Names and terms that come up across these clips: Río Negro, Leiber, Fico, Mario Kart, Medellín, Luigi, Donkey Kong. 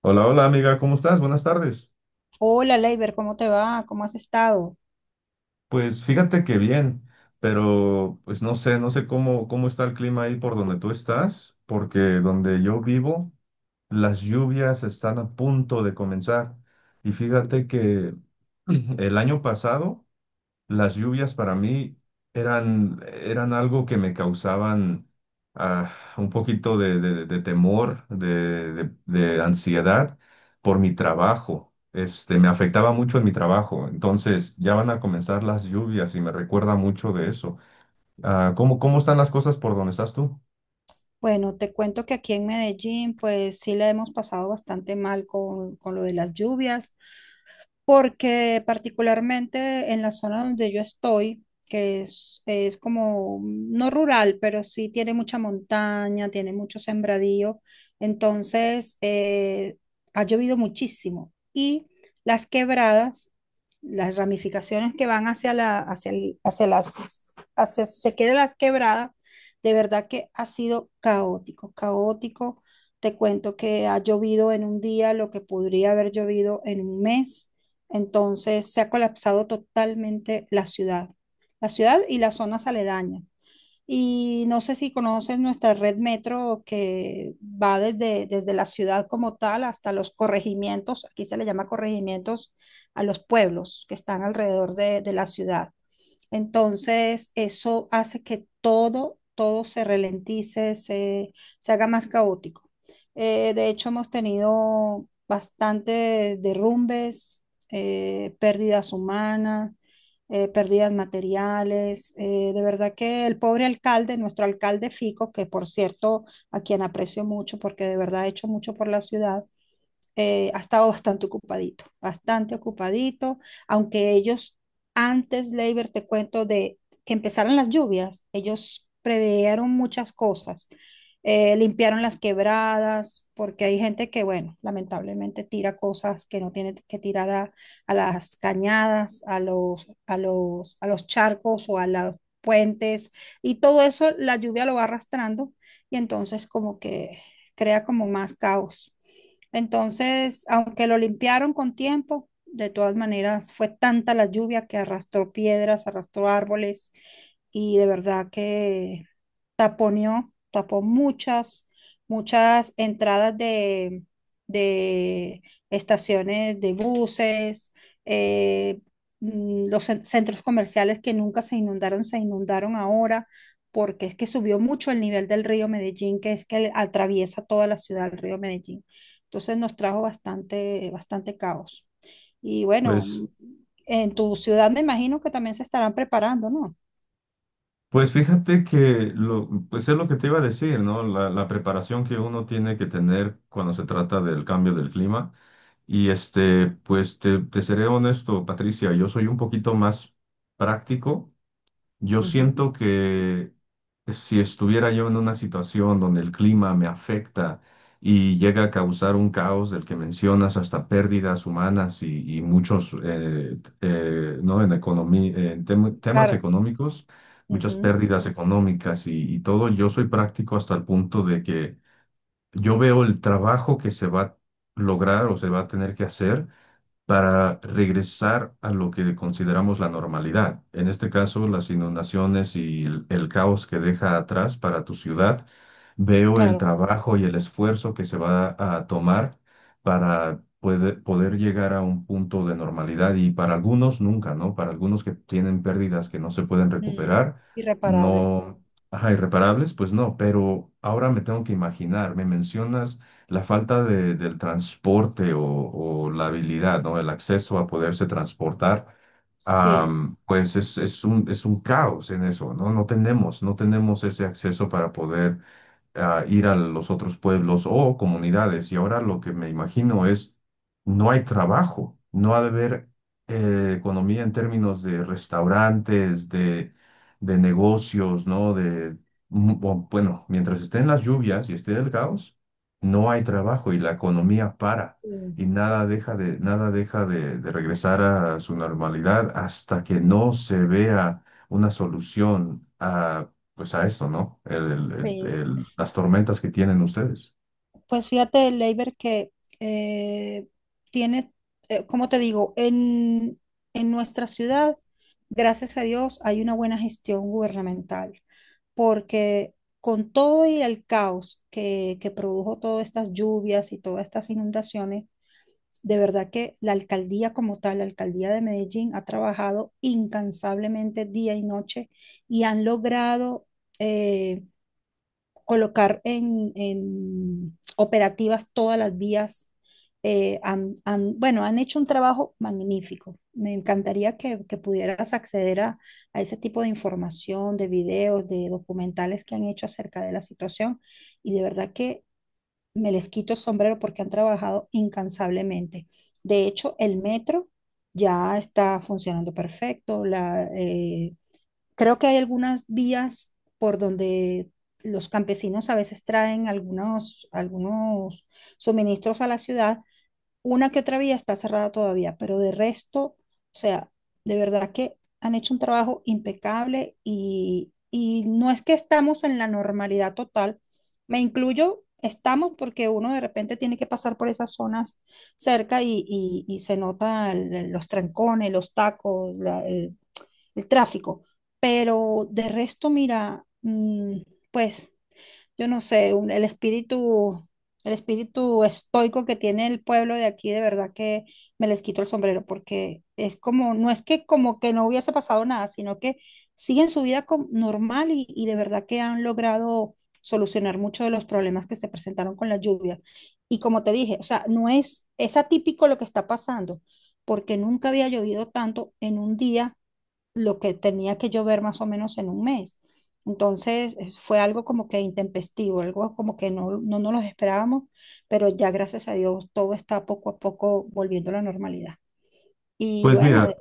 Hola, hola amiga, ¿cómo estás? Buenas tardes. Hola, Leiber, ¿cómo te va? ¿Cómo has estado? Pues fíjate que bien, pero pues no sé, no sé cómo está el clima ahí por donde tú estás, porque donde yo vivo, las lluvias están a punto de comenzar. Y fíjate que el año pasado las lluvias para mí eran algo que me causaban ah, un poquito de, de temor, de, de ansiedad por mi trabajo. Este, me afectaba mucho en mi trabajo. Entonces, ya van a comenzar las lluvias y me recuerda mucho de eso. ¿Cómo están las cosas por donde estás tú? Bueno, te cuento que aquí en Medellín, pues sí la hemos pasado bastante mal con lo de las lluvias, porque particularmente en la zona donde yo estoy, que es como no rural, pero sí tiene mucha montaña, tiene mucho sembradío, entonces ha llovido muchísimo y las quebradas las ramificaciones que van hacia la, hacia, el- hacia las, hacia, si se quiere las quebradas, de verdad que ha sido caótico. Te cuento que ha llovido en un día lo que podría haber llovido en un mes. Entonces se ha colapsado totalmente la ciudad y las zonas aledañas. Y no sé si conoces nuestra red metro que va desde la ciudad como tal hasta los corregimientos, aquí se le llama corregimientos a los pueblos que están alrededor de la ciudad. Entonces, eso hace que todo se ralentice, se haga más caótico. De hecho, hemos tenido bastantes derrumbes, pérdidas humanas, pérdidas materiales. De verdad que el pobre alcalde, nuestro alcalde Fico, que por cierto, a quien aprecio mucho porque de verdad ha hecho mucho por la ciudad, ha estado bastante ocupadito, aunque ellos antes, Leiber, te cuento, de que empezaran las lluvias, ellos preveieron muchas cosas, limpiaron las quebradas, porque hay gente que, bueno, lamentablemente tira cosas que no tiene que tirar a las cañadas, a los charcos o a los puentes, y todo eso la lluvia lo va arrastrando y entonces como que crea como más caos. Entonces, aunque lo limpiaron con tiempo, de todas maneras fue tanta la lluvia que arrastró piedras, arrastró árboles y de verdad que tapó muchas entradas de estaciones de buses, eh, centros comerciales que nunca se inundaron, se inundaron ahora, porque es que subió mucho el nivel del río Medellín, que es que atraviesa toda la ciudad, el río Medellín. Entonces nos trajo bastante caos. Y Pues, bueno, en tu ciudad me imagino que también se estarán preparando, ¿no? pues fíjate que lo, pues es lo que te iba a decir, ¿no? La preparación que uno tiene que tener cuando se trata del cambio del clima. Y este, pues te seré honesto, Patricia, yo soy un poquito más práctico. Yo Ujú. siento que si estuviera yo en una situación donde el clima me afecta y llega a causar un caos del que mencionas, hasta pérdidas humanas y muchos, ¿no? En economía, en temas Claro, económicos, muchas ujú, pérdidas económicas y todo, yo soy práctico hasta el punto de que yo veo el trabajo que se va a lograr o se va a tener que hacer para regresar a lo que consideramos la normalidad. En este caso, las inundaciones y el caos que deja atrás para tu ciudad. Veo el claro. trabajo y el esfuerzo que se va a tomar para poder llegar a un punto de normalidad y para algunos nunca, ¿no? Para algunos que tienen pérdidas que no se pueden Mm. recuperar, Irreparable, sí. no, ajá, irreparables, pues no, pero ahora me tengo que imaginar, me mencionas la falta del transporte o la habilidad, ¿no? El acceso a poderse transportar, Sí, pues es un caos en eso, ¿no? No tenemos ese acceso para poder a ir a los otros pueblos o comunidades. Y ahora lo que me imagino es, no hay trabajo, no ha de haber economía en términos de restaurantes, de negocios, ¿no? De, o, bueno, mientras estén las lluvias y esté el caos, no hay trabajo y la economía para. sí, Y nada deja de, nada deja de regresar a su normalidad hasta que no se vea una solución a pues a esto, ¿no? Sí. Las tormentas que tienen ustedes. Pues fíjate, Leiber, que eh, tiene, como te digo, en nuestra ciudad, gracias a Dios, hay una buena gestión gubernamental, porque con todo y el caos que produjo todas estas lluvias y todas estas inundaciones, de verdad que la alcaldía como tal, la alcaldía de Medellín, ha trabajado incansablemente día y noche y han logrado... eh, colocar en operativas todas las vías. Bueno, han hecho un trabajo magnífico. Me encantaría que pudieras acceder a ese tipo de información, de videos, de documentales que han hecho acerca de la situación. Y de verdad que me les quito el sombrero porque han trabajado incansablemente. De hecho, el metro ya está funcionando perfecto. Creo que hay algunas vías por donde los campesinos a veces traen algunos suministros a la ciudad. Una que otra vía está cerrada todavía, pero de resto, o sea, de verdad que han hecho un trabajo impecable y no es que estamos en la normalidad total, me incluyo, estamos porque uno de repente tiene que pasar por esas zonas cerca y se nota los trancones, los tacos, el tráfico. Pero de resto, mira, pues yo no sé, el espíritu estoico que tiene el pueblo de aquí, de verdad que me les quito el sombrero, porque es como, no es que como que no hubiese pasado nada, sino que siguen su vida normal y de verdad que han logrado solucionar muchos de los problemas que se presentaron con la lluvia. Y como te dije, o sea, no es, es atípico lo que está pasando, porque nunca había llovido tanto en un día lo que tenía que yo ver más o menos en un mes. Entonces fue algo como que intempestivo, algo como que no nos los esperábamos, pero ya gracias a Dios todo está poco a poco volviendo a la normalidad. Y Pues bueno, mira,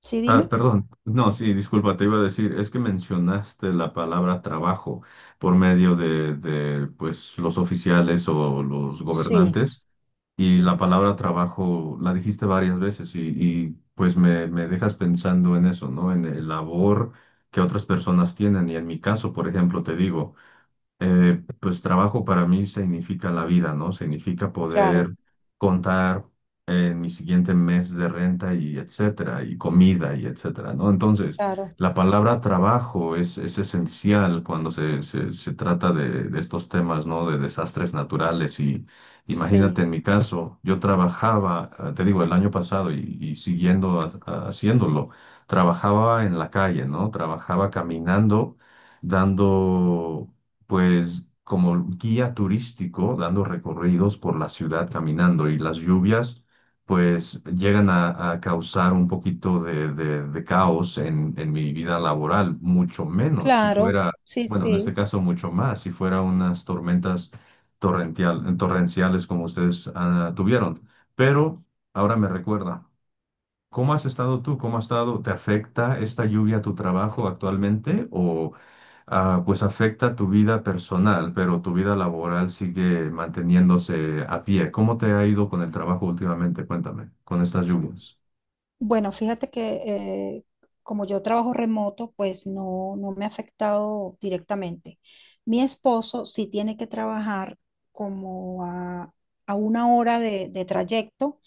sí, dime. perdón, no, sí, disculpa, te iba a decir, es que mencionaste la palabra trabajo por medio de, pues, los oficiales o los Sí, gobernantes y la ujú. palabra trabajo la dijiste varias veces y, pues me dejas pensando en eso, ¿no? En el labor que otras personas tienen y en mi caso, por ejemplo, te digo. Pues trabajo para mí significa la vida, ¿no? Significa poder Claro, contar en mi siguiente mes de renta y etcétera, y comida y etcétera, ¿no? Entonces, claro, la palabra trabajo es esencial cuando se trata de estos temas, ¿no? De desastres naturales y imagínate sí, en mi caso, yo trabajaba, te digo, el año pasado y siguiendo haciéndolo, trabajaba en la calle, ¿no? Trabajaba caminando dando pues como guía turístico, dando recorridos por la ciudad caminando y las lluvias, pues llegan a causar un poquito de, de caos en mi vida laboral, mucho menos si claro, fuera, sí, bueno, en este sí. caso mucho más, si fuera unas tormentas torrenciales como ustedes tuvieron. Pero ahora me recuerda. ¿Cómo has estado tú? ¿Cómo has estado? ¿Te afecta esta lluvia a tu trabajo actualmente? ¿O, pues afecta tu vida personal, pero tu vida laboral sigue manteniéndose a pie? ¿Cómo te ha ido con el trabajo últimamente? Cuéntame, con estas lluvias. Bueno, fíjate que como yo trabajo remoto, pues no me ha afectado directamente. Mi esposo sí tiene que trabajar como a, a una hora de trayecto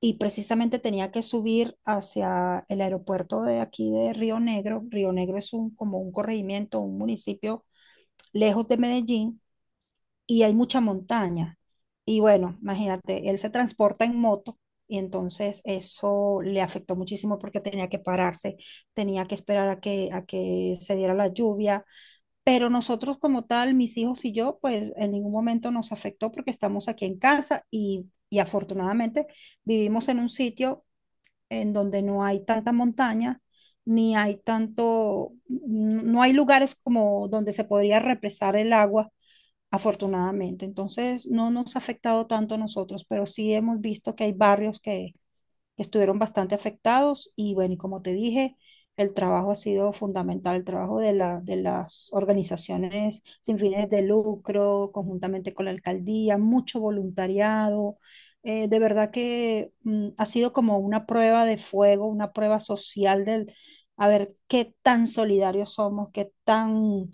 y precisamente tenía que subir hacia el aeropuerto de aquí de Río Negro. Río Negro es un, como un corregimiento, un municipio lejos de Medellín y hay mucha montaña. Y bueno, imagínate, él se transporta en moto y entonces eso le afectó muchísimo porque tenía que pararse, tenía que esperar a que se diera la lluvia. Pero nosotros como tal, mis hijos y yo, pues en ningún momento nos afectó porque estamos aquí en casa y afortunadamente vivimos en un sitio en donde no hay tanta montaña. Ni hay tanto, no hay lugares como donde se podría represar el agua, afortunadamente. Entonces, no nos ha afectado tanto a nosotros, pero sí hemos visto que hay barrios que estuvieron bastante afectados y bueno, y como te dije, el trabajo ha sido fundamental, el trabajo de de las organizaciones sin fines de lucro, conjuntamente con la alcaldía, mucho voluntariado. De verdad que ha sido como una prueba de fuego, una prueba social del, a ver qué tan solidarios somos,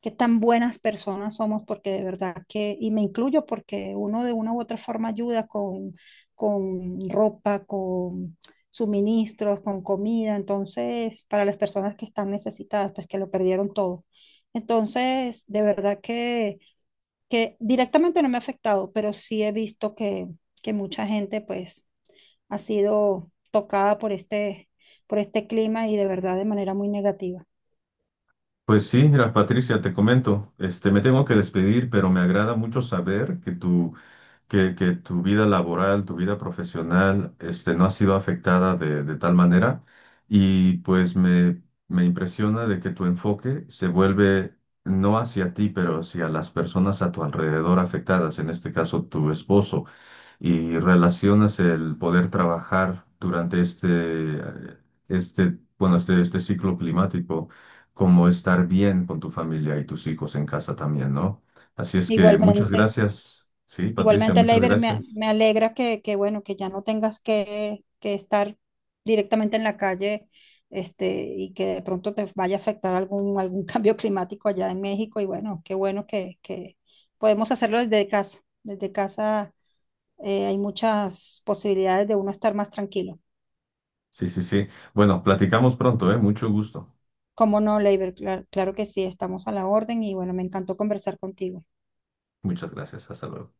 qué tan buenas personas somos, porque de verdad que, y me incluyo porque uno de una u otra forma ayuda con ropa, con suministros, con comida, entonces, para las personas que están necesitadas, pues que lo perdieron todo. Entonces, de verdad que directamente no me ha afectado, pero sí he visto que mucha gente pues ha sido tocada por este clima y de verdad de manera muy negativa. Pues sí, mira, Patricia, te comento, este, me tengo que despedir, pero me agrada mucho saber que tu vida laboral, tu vida profesional, este, no ha sido afectada de tal manera. Y pues me impresiona de que tu enfoque se vuelve no hacia ti, pero hacia las personas a tu alrededor afectadas, en este caso tu esposo y relacionas el poder trabajar durante este, eh, este, bueno, este ciclo climático, como estar bien con tu familia y tus hijos en casa también, ¿no? Así es que muchas Igualmente. gracias. Sí, Patricia, Igualmente, muchas Leiber, gracias. me alegra bueno, que ya no tengas que estar directamente en la calle, este, y que de pronto te vaya a afectar algún cambio climático allá en México. Y bueno, qué bueno que podemos hacerlo desde casa. Desde casa, hay muchas posibilidades de uno estar más tranquilo. Sí, sí, sí. Bueno, platicamos pronto, ¿eh? Mucho gusto. ¿Cómo no, Leiber? Claro que sí, estamos a la orden y bueno, me encantó conversar contigo. Muchas gracias. Hasta luego.